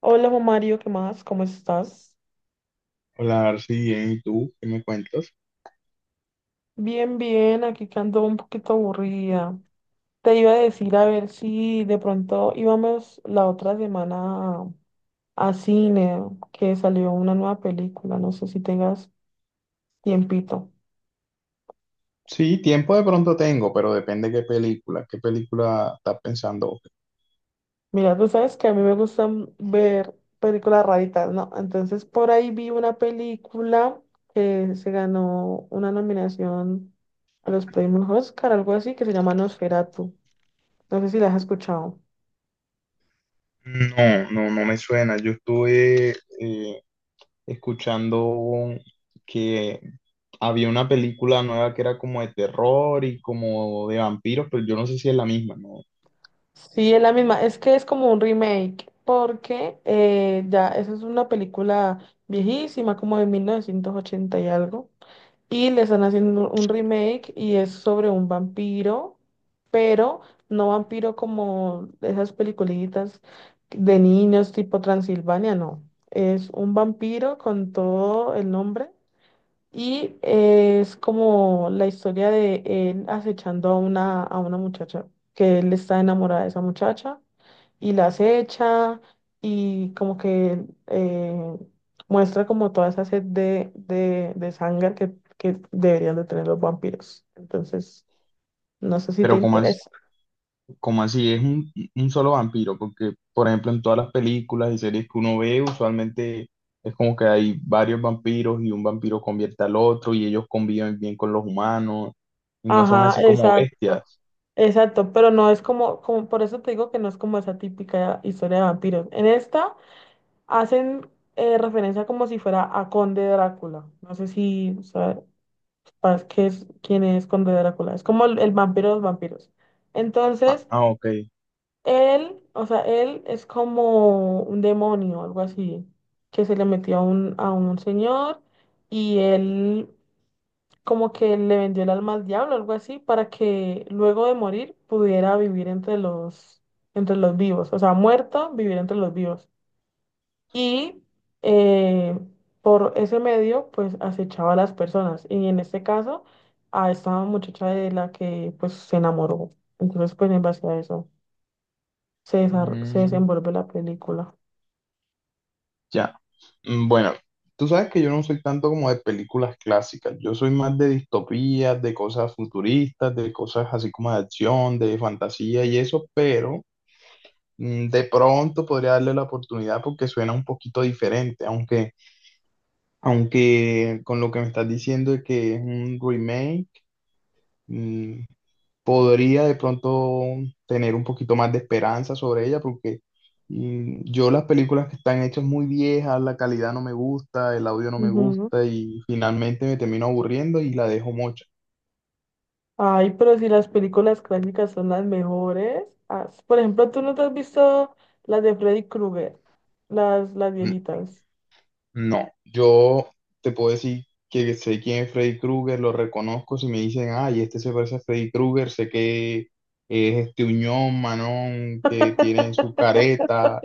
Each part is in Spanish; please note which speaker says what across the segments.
Speaker 1: Hola, Juan Mario, ¿qué más? ¿Cómo estás?
Speaker 2: Hola, Arsi, bien, ¿y tú? ¿Qué me cuentas?
Speaker 1: Bien, bien, aquí que ando un poquito aburrida. Te iba a decir a ver si de pronto íbamos la otra semana a, a cine, que salió una nueva película, no sé si tengas tiempito.
Speaker 2: Sí, tiempo de pronto tengo, pero depende qué película. ¿Qué película estás pensando?
Speaker 1: Mira, tú sabes que a mí me gustan ver películas raritas, ¿no? Entonces por ahí vi una película que se ganó una nominación a los premios Oscar, algo así, que se llama Nosferatu. No sé si la has escuchado.
Speaker 2: No, no, no me suena. Yo estuve eh, escuchando que había una película nueva que era como de terror y como de vampiros, pero yo no sé si es la misma, ¿no?
Speaker 1: Sí, es la misma. Es que es como un remake, porque ya esa es una película viejísima, como de 1980 y algo. Y le están haciendo un remake y es sobre un vampiro, pero no vampiro como esas peliculitas de niños tipo Transilvania, no. Es un vampiro con todo el nombre y es como la historia de él acechando a a una muchacha, que él está enamorado de esa muchacha y la acecha y como que muestra como toda esa sed de sangre que deberían de tener los vampiros. Entonces, no sé si te
Speaker 2: Pero como
Speaker 1: interesa.
Speaker 2: como así, es un solo vampiro, porque por ejemplo en todas las películas y series que uno ve, usualmente es como que hay varios vampiros y un vampiro convierte al otro y ellos conviven bien con los humanos y no son
Speaker 1: Ajá,
Speaker 2: así como
Speaker 1: exacto.
Speaker 2: bestias.
Speaker 1: Exacto, pero no es como, por eso te digo que no es como esa típica historia de vampiros. En esta hacen referencia como si fuera a Conde Drácula. No sé si sabes quién es Conde Drácula. Es como el vampiro de los vampiros.
Speaker 2: Ah,
Speaker 1: Entonces,
Speaker 2: ah, ok.
Speaker 1: él, o sea, él es como un demonio, algo así, que se le metió a a un señor y él como que le vendió el alma al diablo, algo así, para que luego de morir pudiera vivir entre entre los vivos. O sea, muerto, vivir entre los vivos y eh, por ese medio pues acechaba a las personas y en este caso a esta muchacha de la que pues se enamoró. Entonces pues en base a eso se
Speaker 2: Mm,
Speaker 1: desenvuelve la película.
Speaker 2: ya. Mm, bueno, tú sabes que yo no soy tanto como de películas clásicas, yo soy más de distopías, de cosas futuristas, de cosas así como de acción, de fantasía y eso, pero de pronto podría darle la oportunidad porque suena un poquito diferente, aunque con lo que me estás diciendo de que es un remake, mm, podría de pronto tener un poquito más de esperanza sobre ella porque yo las películas que están hechas muy viejas, la calidad no me gusta, el audio no me
Speaker 1: Ujú.
Speaker 2: gusta y finalmente me termino aburriendo y la dejo mocha.
Speaker 1: Ay, pero si las películas clásicas son las mejores. Ah, s- por ejemplo, ¿tú no te has visto las de Freddy Krueger? Las viejitas.
Speaker 2: No, yo te puedo decir que sé quién es Freddy Krueger, lo reconozco. Si me dicen, ay, este se parece a Freddy Krueger, sé que es este Uñón, Manón, que tienen su careta,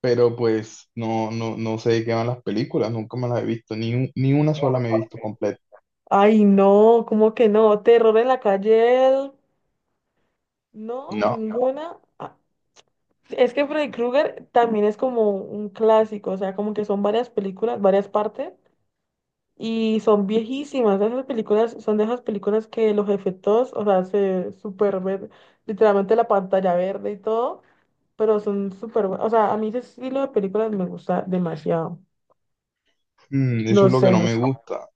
Speaker 2: pero pues no, no, no sé de qué van las películas, nunca me las he visto, ni una sola me he visto completa.
Speaker 1: Ay, no, ¿cómo que no? Terror en la calle, el- no,
Speaker 2: No.
Speaker 1: ninguna. Ah, es que Freddy Krueger también es como un clásico, o sea, como que son varias películas, varias partes, y son viejísimas. Esas películas son de esas películas que los efectos, o sea, se super ven, literalmente la pantalla verde y todo, pero son súper, bu- o sea, a mí ese estilo de películas me gusta demasiado.
Speaker 2: Mm, eso es lo que no
Speaker 1: No
Speaker 2: me
Speaker 1: sé.
Speaker 2: gusta.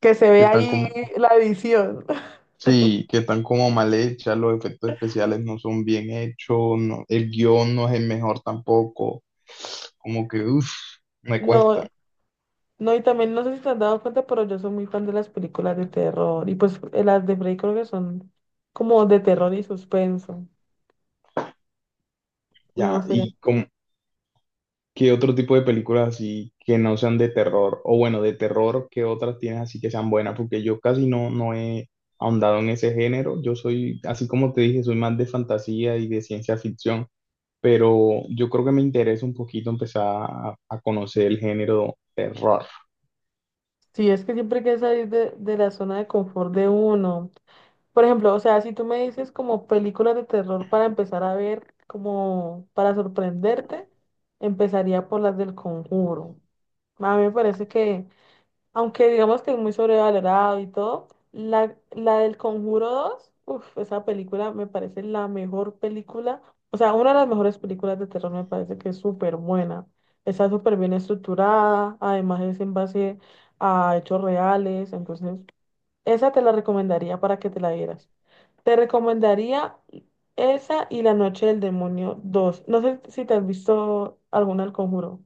Speaker 1: Que se
Speaker 2: Que
Speaker 1: ve
Speaker 2: están
Speaker 1: ahí
Speaker 2: como...
Speaker 1: la edición.
Speaker 2: Sí, que están como mal hechas, los efectos especiales no son bien hechos, el guión no es el mejor tampoco, como que, uff, me
Speaker 1: No,
Speaker 2: cuesta.
Speaker 1: no, y también no sé si te has dado cuenta, pero yo soy muy fan de las películas de terror, y pues las de Freddy Krueger son como de terror y suspenso. No
Speaker 2: Ya,
Speaker 1: sé,
Speaker 2: y como, ¿qué otro tipo de películas así que no sean de terror? O bueno, de terror, ¿qué otras tienes así que sean buenas? Porque yo casi no, no he ahondado en ese género, yo soy, así como te dije, soy más de fantasía y de ciencia ficción, pero yo creo que me interesa un poquito empezar a conocer el género terror.
Speaker 1: sí, es que siempre hay que salir de la zona de confort de uno. Por ejemplo, o sea, si tú me dices como películas de terror para empezar a ver, como para sorprenderte, empezaría por las del Conjuro. A mí me parece que aunque digamos que es muy sobrevalorado y todo, la del Conjuro 2, uff, esa película me parece la mejor película, o sea, una de las mejores películas de terror me parece que es súper buena. Está súper bien estructurada, además es en base a hechos reales, entonces esa te la recomendaría para que te la vieras. Te recomendaría esa y La Noche del Demonio dos. No sé si te has visto alguna del Conjuro.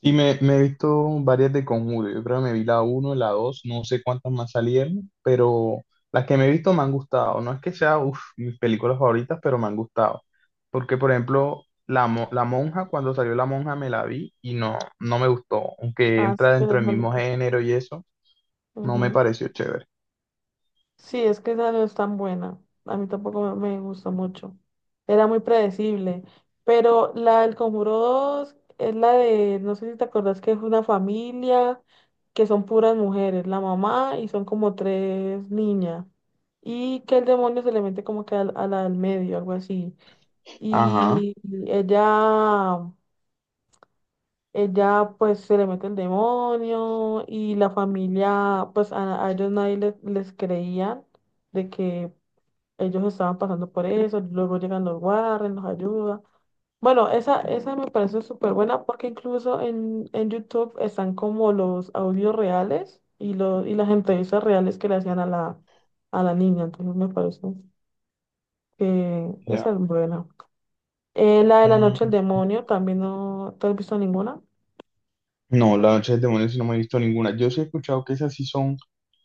Speaker 2: Y me he visto varias de Conjuro. Yo creo que me vi la uno la dos, no sé cuántas más salieron, pero las que me he visto me han gustado. No es que sea, uf, mis películas favoritas, pero me han gustado. Porque, por ejemplo, la Monja, cuando salió La Monja me la vi y no, no me gustó. Aunque
Speaker 1: Ah,
Speaker 2: entra
Speaker 1: pero
Speaker 2: dentro
Speaker 1: es
Speaker 2: del mismo
Speaker 1: malita.
Speaker 2: género y eso, no me pareció chévere.
Speaker 1: Sí, es que esa no es tan buena. A mí tampoco me gustó mucho. Era muy predecible. Pero la del Conjuro 2 es la de, no sé si te acordás que es una familia que son puras mujeres, la mamá y son como tres niñas. Y que el demonio se le mete como que la del medio, algo así.
Speaker 2: Ajá,
Speaker 1: Y ella, ella pues se le mete el demonio y la familia, pues a ellos nadie les creía de que ellos estaban pasando por eso, luego llegan los guardias, nos ayudan. Bueno, esa me parece súper buena porque incluso en YouTube están como los audios reales y las entrevistas reales que le hacían a a la niña, entonces me parece que
Speaker 2: ya.
Speaker 1: esa es buena. La de la noche del demonio, también no, ¿te has visto ninguna?
Speaker 2: No, la noche del demonio sí no me he visto ninguna. Yo sí he escuchado que esas sí son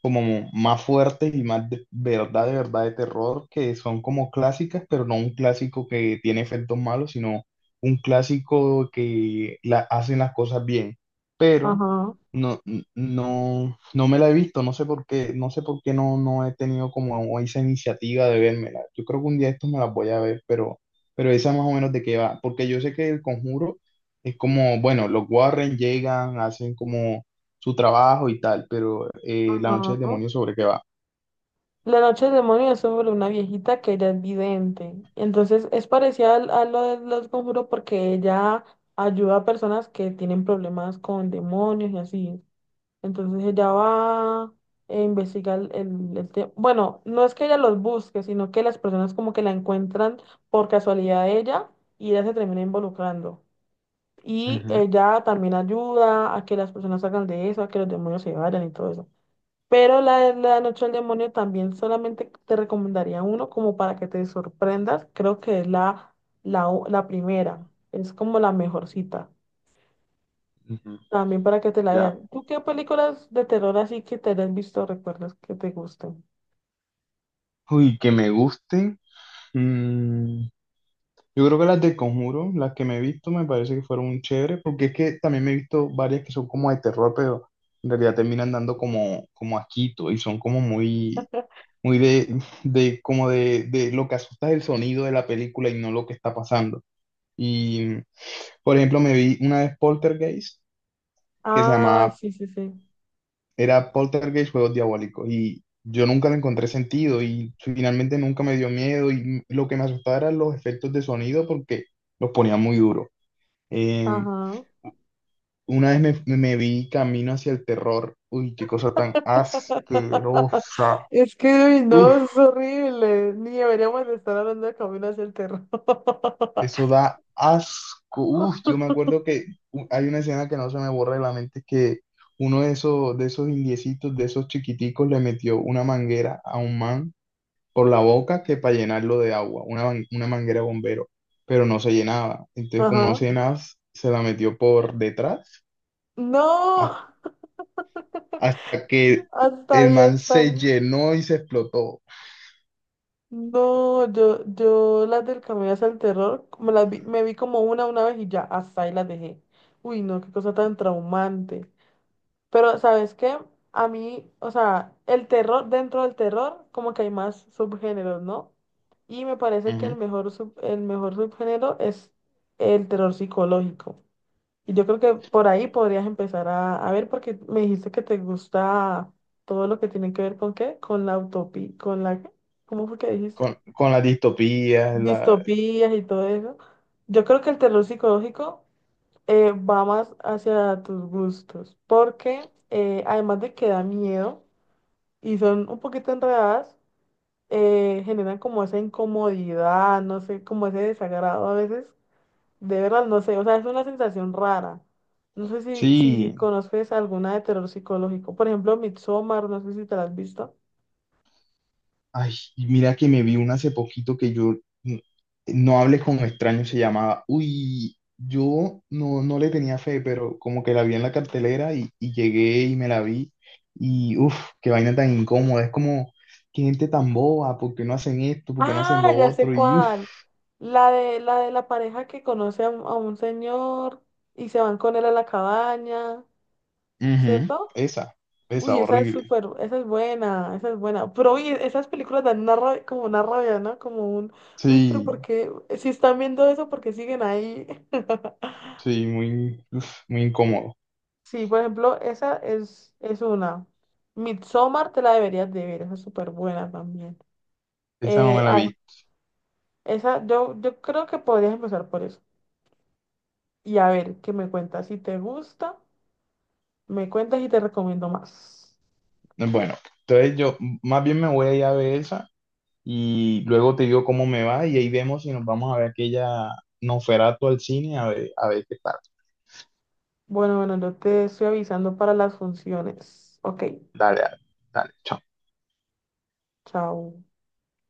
Speaker 2: como más fuertes y más de verdad, de verdad de terror, que son como clásicas, pero no un clásico que tiene efectos malos, sino un clásico que la, hacen las cosas bien. Pero
Speaker 1: Ajá,
Speaker 2: no, no, no me la he visto, no sé por qué, no sé por qué no, no he tenido como esa iniciativa de vérmela. Yo creo que un día estos me las voy a ver, pero esa más o menos de qué va, porque yo sé que El Conjuro es como, bueno, los Warren llegan, hacen como su trabajo y tal, pero La Noche del
Speaker 1: ajá.
Speaker 2: Demonio sobre qué va.
Speaker 1: La noche del demonio es sobre una viejita que ella es vidente. Entonces es parecida al- a lo de los conjuros porque ella ayuda a personas que tienen problemas con demonios y así. Entonces ella va e investiga bueno, no es que ella los busque, sino que las personas como que la encuentran por casualidad a ella y ella se termina involucrando. Y
Speaker 2: Ujú,
Speaker 1: ella también ayuda a que las personas salgan de eso, a que los demonios se vayan y todo eso. Pero la de la Noche del Demonio también solamente te recomendaría uno como para que te sorprendas. Creo que es la primera. Es como la mejorcita.
Speaker 2: ujú,
Speaker 1: También para que te la
Speaker 2: ya.
Speaker 1: veas. ¿Tú qué películas de terror así que te hayas visto recuerdas que te gusten?
Speaker 2: Uy, que me gusten. mm, yo creo que las de Conjuro, las que me he visto, me parece que fueron chéveres porque es que también me he visto varias que son como de terror, pero en realidad terminan dando como, como asquito y son como muy, muy de, de de lo que asusta es el sonido de la película y no lo que está pasando. Y, por ejemplo, me vi una vez Poltergeist, que se
Speaker 1: Ah,
Speaker 2: llamaba,
Speaker 1: sí, sí, sí.
Speaker 2: era Poltergeist Juegos Diabólicos, y yo nunca le encontré sentido, y finalmente nunca me dio miedo, y lo que me asustaba eran los efectos de sonido, porque los ponía muy duro. Eh,
Speaker 1: Ajá.
Speaker 2: una vez me vi Camino hacia el terror, uy, qué cosa tan asquerosa.
Speaker 1: Es que, uy, no,
Speaker 2: Uf,
Speaker 1: es horrible. Ni deberíamos de estar hablando de Camino hacia el terror.
Speaker 2: eso da asco. Uf, yo me acuerdo que hay una escena que no se me borra de la mente, que uno de esos indiecitos, de esos chiquiticos, le metió una manguera a un man por la boca que para llenarlo de agua, una manguera bombero, pero no se llenaba. Entonces, como no
Speaker 1: Ajá.
Speaker 2: se llenaba, se la metió por detrás, has-
Speaker 1: No,
Speaker 2: hasta que
Speaker 1: hasta
Speaker 2: el
Speaker 1: ahí,
Speaker 2: man
Speaker 1: hasta
Speaker 2: se
Speaker 1: ahí.
Speaker 2: llenó y se explotó.
Speaker 1: No, yo las del Camino hacia el Terror, me vi como una vez y ya, hasta ahí las dejé. Uy, no, qué cosa tan traumante. Pero, ¿sabes qué? A mí, o sea, el terror, dentro del terror, como que hay más subgéneros, ¿no? Y me parece que
Speaker 2: Ujú.
Speaker 1: el mejor subgénero es el terror psicológico. Y yo creo que por ahí podrías empezar a ver, porque me dijiste que te gusta todo lo que tiene que ver con qué, con la utopía, ¿cómo fue que dijiste?
Speaker 2: Con las distopías, la...
Speaker 1: Distopías y todo eso. Yo creo que el terror psicológico va más hacia tus gustos, porque además de que da miedo y son un poquito enredadas, generan como esa incomodidad, no sé, como ese desagrado a veces, de verdad, no sé, o sea, es una sensación rara. No sé si
Speaker 2: Sí,
Speaker 1: conoces alguna de terror psicológico, por ejemplo, Midsommar, no sé si te la has visto.
Speaker 2: ay, y mira que me vi una hace poquito que n- no hables con extraños se llamaba. Uy, yo no, no le tenía fe, pero como que la vi en la cartelera y llegué y me la vi. Y uff, qué vaina tan incómoda. Es como, qué gente tan boba, ¿por qué no hacen esto? ¿Por qué no
Speaker 1: Ah,
Speaker 2: hacen lo
Speaker 1: ya sé
Speaker 2: otro? Y uff,
Speaker 1: cuál. La de la pareja que conoce a a un señor y se van con él a la cabaña,
Speaker 2: ujú,
Speaker 1: ¿cierto?
Speaker 2: esa,
Speaker 1: Uy, esa es
Speaker 2: horrible.
Speaker 1: súper, esa es buena, esa es buena. Pero uy, esas películas dan una rabia- como una rabia, ¿no? Como un, uy, pero
Speaker 2: Sí,
Speaker 1: ¿por qué? Si están viendo eso, ¿por qué siguen ahí?
Speaker 2: sí, muy, uf, muy incómodo.
Speaker 1: Sí, por ejemplo, esa es una. Midsommar te la deberías de ver, esa es súper buena también.
Speaker 2: Esa no
Speaker 1: Eh,
Speaker 2: me la
Speaker 1: ah,
Speaker 2: vi.
Speaker 1: esa, yo, yo creo que podrías empezar por eso. Y a ver, ¿qué me cuentas? Si te gusta, me cuentas y te recomiendo más.
Speaker 2: Bueno, entonces yo más bien me voy a ir a ver esa. Y luego te digo cómo me va y ahí vemos si nos vamos a ver aquella Nosferatu al cine a ver qué tal.
Speaker 1: Bueno, bueno, yo te estoy avisando para las funciones. Ok,
Speaker 2: Dale, dale, dale, chao.
Speaker 1: chao.